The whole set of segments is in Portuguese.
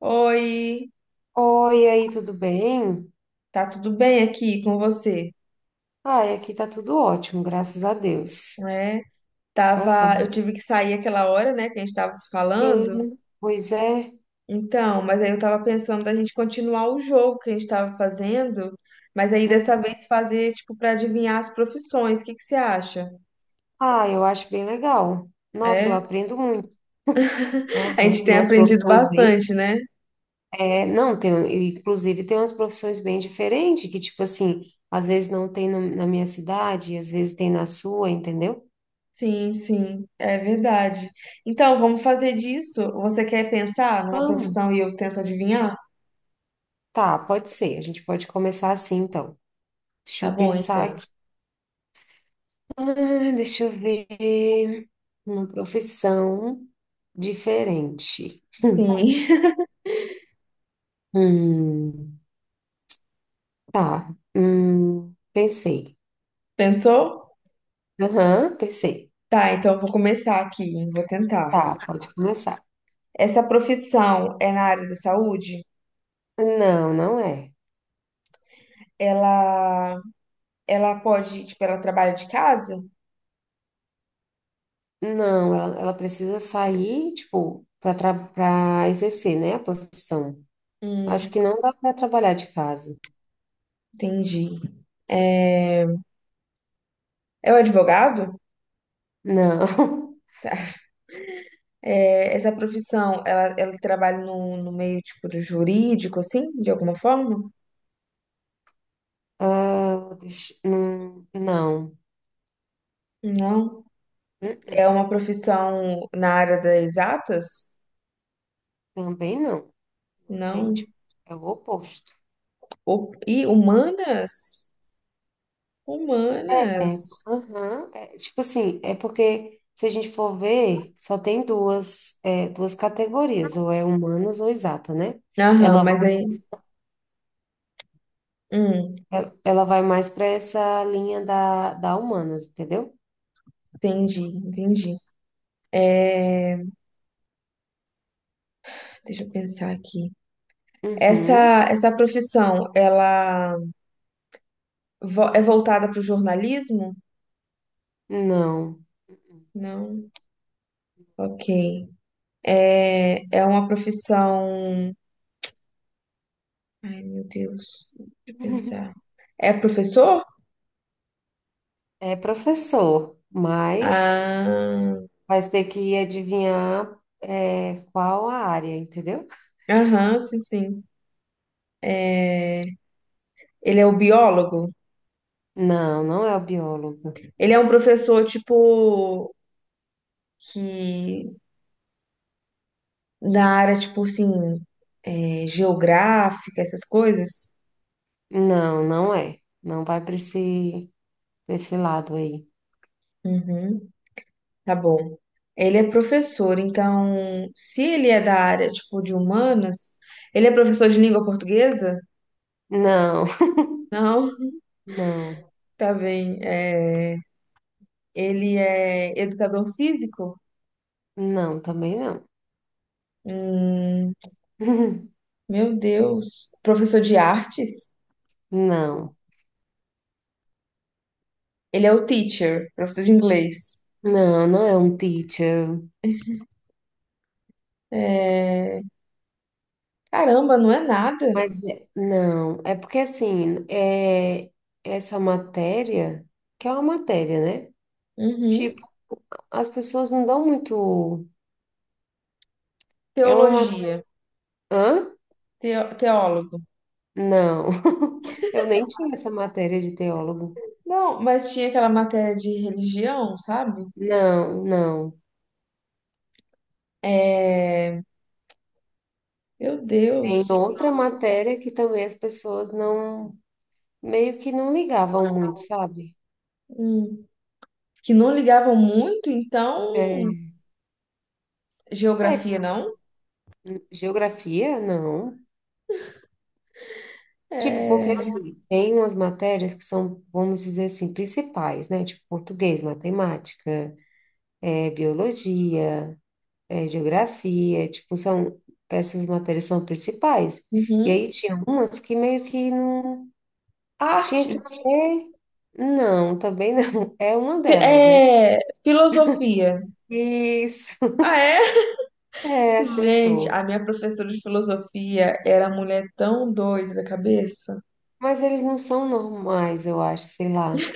Oi, Oi, e aí, tudo bem? tá tudo bem aqui com você? Ai, aqui tá tudo ótimo, graças a Deus. É, tava, eu Aham. tive que sair aquela hora, né, que a gente tava se falando. Sim, pois é. Então, mas aí eu tava pensando da gente continuar o jogo que a gente tava fazendo, mas aí Uhum. dessa vez fazer tipo pra adivinhar as profissões. O que que você acha? Ah, eu acho bem legal. Nossa, eu É, aprendo muito. a Aham. gente Tem tem umas aprendido profissões bem. bastante, né? É, não, tem, inclusive tem umas profissões bem diferentes, que, tipo assim, às vezes não tem na minha cidade, às vezes tem na sua, entendeu? Sim, sim, é verdade. Então, vamos fazer disso. Você quer pensar numa Vamos. profissão e eu tento adivinhar? Tá, pode ser. A gente pode começar assim, então. Deixa Tá eu bom, pensar. então. Ah, deixa eu ver. Uma profissão diferente. Sim. Hum, tá. Pensei. Pensou? Aham, pensei. Tá, então eu vou começar aqui, hein? Vou tentar. Tá, pode começar. Essa profissão é na área da saúde? Não, não é. Ela, ela pode, tipo, ela trabalha de casa? Não, ela precisa sair, tipo, para exercer, né, a profissão. Hum, Acho que não dá para trabalhar de casa. entendi. É o advogado? Não. É, essa profissão, ela trabalha no, no meio, tipo, do jurídico, assim, de alguma forma? Ah, não. Não. Uh-uh. É uma profissão na área das exatas? Também não. Não. Entende? É o oposto. O, e humanas? É, Humanas. Aham, tipo assim, é porque se a gente for ver, só tem duas, duas categorias, ou é humanas ou exata, né? Aham, Ela vai, mas aí. Hum, ela vai mais para essa linha da humanas, entendeu? entendi, entendi. É, Deixa eu pensar aqui. Uhum, Essa profissão, ela é voltada para o jornalismo? não. Não. Ok. É, é uma profissão. Ai, meu Deus. Deixa eu pensar. É professor? É professor, mas Ah, vai ter que adivinhar, qual a área, entendeu? aham, sim, sim. É, ele é o biólogo? Não, não é o biólogo. Ele é um professor, tipo, que na área, tipo assim, é, geográfica, essas coisas? Não, não é. Não vai para pra esse lado aí. Uhum. Tá bom. Ele é professor, então, se ele é da área, tipo, de humanas, ele é professor de língua portuguesa? Não. Não, Não, tá bem. É, ele é educador físico? não, também não. Hum, meu Deus. Professor de artes? Não, Ele é o teacher, professor de inglês. não, não é um teacher. É, caramba, não é nada. Mas não, é porque assim, é essa matéria, que é uma matéria, né? Tipo, Uhum. as pessoas não dão muito. É uma matéria. Teologia, Hã? Teólogo. Não, eu nem tinha essa matéria de teólogo. Não, mas tinha aquela matéria de religião, sabe? Não, não. Meu Tem Deus. outra matéria que também as pessoas não, meio que não ligavam muito, sabe? Hum. Que não ligavam muito, então, É, é, geografia tipo, não. geografia? Não. Tipo, porque assim, tem umas matérias que são, vamos dizer assim, principais, né? Tipo, português, matemática, é biologia, é geografia, tipo, essas matérias são principais. E Uhum. aí tinha umas que meio que não tinha que Artes. ter, não, também não, é uma Fi- delas, né? É, filosofia. Isso, Ah, é? é, Gente, acertou. a minha professora de filosofia era mulher tão doida da cabeça. Mas eles não são normais, eu acho, sei lá.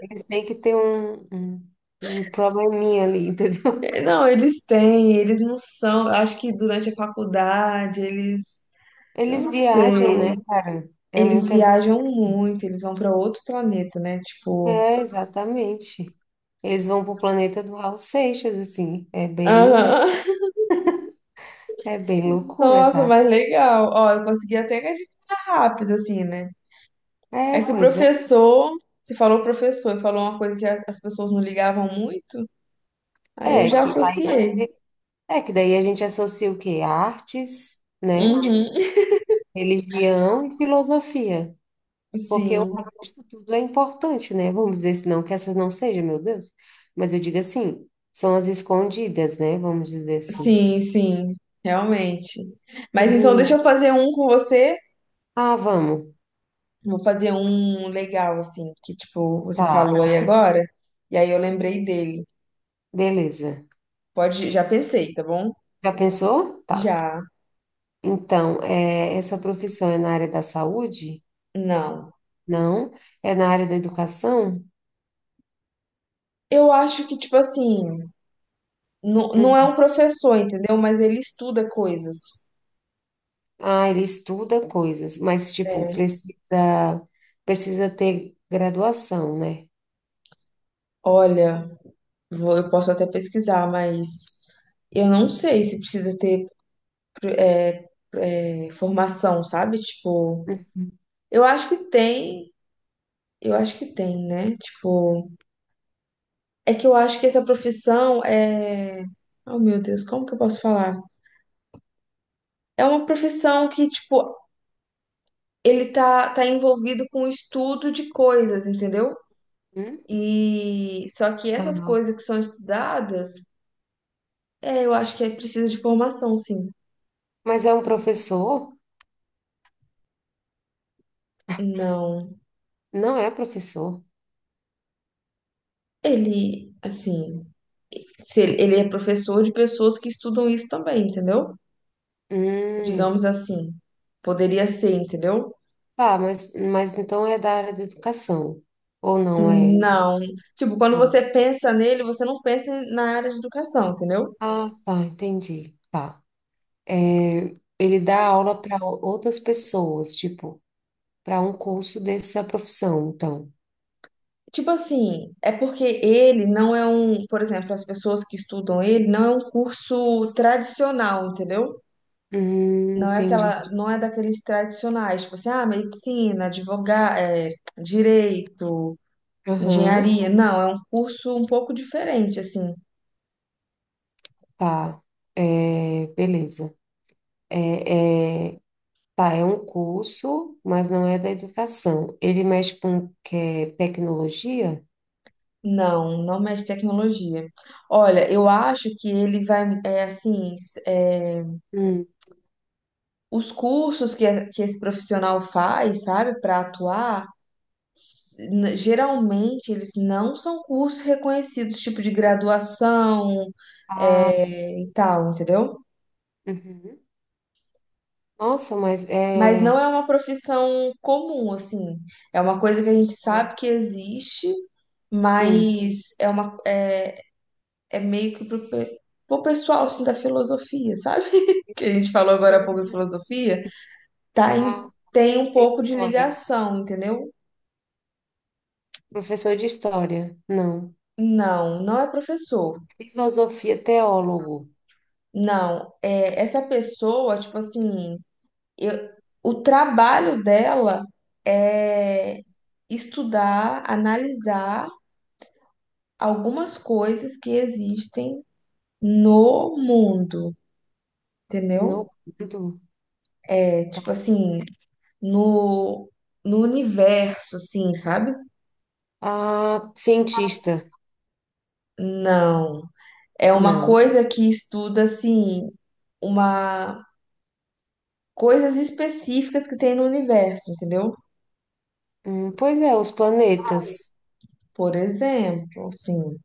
Eles têm que ter um probleminha ali, entendeu? É, não, eles têm, eles não são. Acho que durante a faculdade eles. Eles Não sei. viajam, né, cara? É Eles muita viagem. viajam muito, eles vão para outro planeta, né? Tipo. É, exatamente. Eles vão pro planeta do Raul Seixas, assim. É bem, Aham. é bem loucura, Nossa, tá? mas legal. Ó, eu consegui até que adivinhar rápido, assim, né? É É, que o pois é. professor, você falou professor, falou uma coisa que as pessoas não ligavam muito, aí eu É já que, associei. é que daí a gente associa o quê? Artes, né? Tipo, Uhum. religião e filosofia. Porque o Sim, resto tudo é importante, né? Vamos dizer, se não que essas não sejam, meu Deus. Mas eu digo assim, são as escondidas, né? Vamos dizer assim. sim, sim, realmente. Mas então deixa Uhum. eu fazer um com você. Ah, vamos. Vou fazer um legal, assim, que tipo, você Tá, falou aí agora, e aí eu lembrei dele. beleza. Pode, já pensei, tá bom? Já pensou? Tá. Já, Então, é, essa profissão é na área da saúde? não. Não. É na área da educação? Eu acho que, tipo assim, não, não é um Uhum. professor, entendeu? Mas ele estuda coisas. Ah, ele estuda coisas, mas, tipo, É. Precisa ter graduação, né? Olha. Vou, eu posso até pesquisar, mas eu não sei se precisa ter é, formação, sabe? Tipo, eu acho que tem, eu acho que tem, né? Tipo, é que eu acho que essa profissão é. Oh, meu Deus, como que eu posso falar? É uma profissão que, tipo, ele tá envolvido com o estudo de coisas, entendeu? Uhum. E só que essas Tá. coisas que são estudadas, é, eu acho que é precisa de formação, sim. Mas é um professor? Não, Não é professor. ele, assim. Se ele é professor de pessoas que estudam isso também, entendeu? Hum. Digamos assim. Poderia ser, entendeu? Tá, mas então é da área da educação, ou não é? Não. Tipo, quando Não. você pensa nele, você não pensa na área de educação, entendeu? Ah, tá, entendi. Tá. É, ele dá aula para outras pessoas, tipo. Para um curso dessa profissão, então. Tipo assim, é porque ele não é um, por exemplo, as pessoas que estudam ele não é um curso tradicional, entendeu? Não é Entendi. aquela, não é daqueles tradicionais, tipo assim, ah, medicina, advogado, direito, Aham, engenharia. Não, é um curso um pouco diferente, assim. tá. É, beleza. É, tá, é um curso, mas não é da educação. Ele mexe com que é tecnologia? Não, não mexe tecnologia. Olha, eu acho que ele vai, é assim, Hum. os cursos que, que esse profissional faz, sabe, para atuar, geralmente eles não são cursos reconhecidos, tipo de graduação, Ah, tá. é, e tal, entendeu? Uhum. Nossa, mas Mas é. não é uma profissão comum, assim. É uma coisa que a gente Ah, sabe que existe, sim. mas é uma, é, é meio que pro pessoal assim, da filosofia, sabe? Que a gente falou agora há pouco em Hum. filosofia, tá em- Ah, tem um é pouco de história. ligação, entendeu? Professor de história. Não. Não, não é professor. Filosofia, teólogo. Não, é essa pessoa, tipo assim, eu, o trabalho dela é estudar, analisar algumas coisas que existem no mundo, entendeu? Não. Muito. É tipo assim, no, no universo, assim, sabe? Ah, cientista. Não. É uma Não. coisa que estuda, assim, uma coisas específicas que tem no universo, entendeu? Pois é, os planetas. Por exemplo, assim,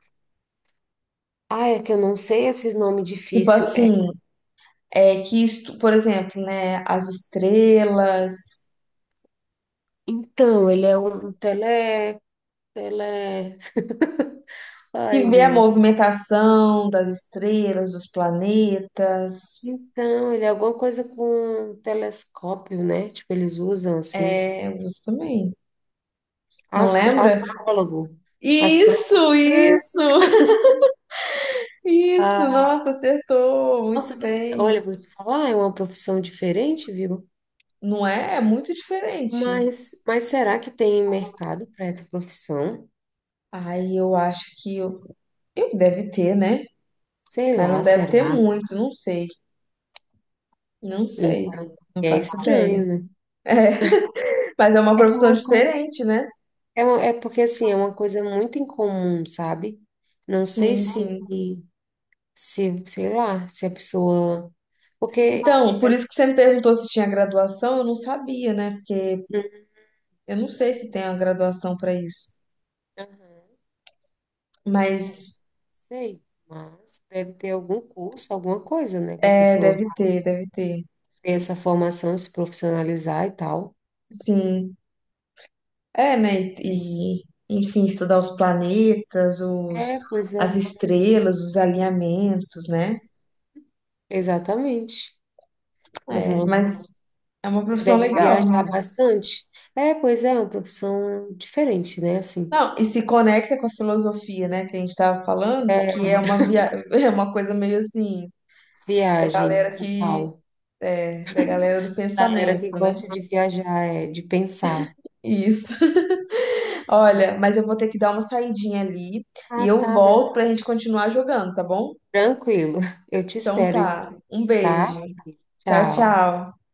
Ah, é que eu não sei esses nomes tipo difíceis. É, assim, é que estu... por exemplo, né, as estrelas, então, ele é um tele... tele... Ai, que vê a Deus. movimentação das estrelas, dos planetas. Então, ele é alguma coisa com telescópio, né? Tipo, eles usam assim. É, você também. Não Astro... lembra? Astrólogo. Astro... Isso, isso. Ah, Nossa, acertou. nossa, Muito que... bem. olha, vou te falar, é uma profissão diferente, viu? Não é? É muito diferente. Mas será que tem mercado para essa profissão? Ai eu acho que eu deve ter, né? Sei Mas não lá, deve ter será? muito, não sei. Não sei. Então, Não é faço ideia. estranho, né? É, mas é uma É que é profissão uma coisa, diferente, né? É porque assim, é uma coisa muito incomum, sabe? Não sei Sim, se, sim. se, sei lá, se a pessoa. Porque. Então, por isso que você me perguntou se tinha graduação, eu não sabia, né? Porque eu não sei se tem uma graduação para isso. Aham, é, Mas sei, mas deve ter algum curso, alguma coisa, né? Para a é, pessoa deve ter, deve ter. ter essa formação, se profissionalizar e tal. Sim. É, né? E, enfim, estudar os planetas, os, É, pois as é, estrelas, os alinhamentos, né? exatamente. Mas É, ela mas é uma profissão deve legal. viajar bastante. É, pois é, é uma profissão diferente, né? Assim, Não, e se conecta com a filosofia, né, que a gente estava falando, é, que é uma via... é uma coisa meio assim, da viagem galera e que tal. é, da galera do Galera pensamento, que né? gosta de viajar, é, de pensar. Isso. Olha, mas eu vou ter que dar uma saidinha ali e Ah, eu tá, Bel. volto pra gente continuar jogando, tá bom? Tranquilo. Eu te Então espero, então, tá. Um beijo. tá? Tchau, Tchau. tchau.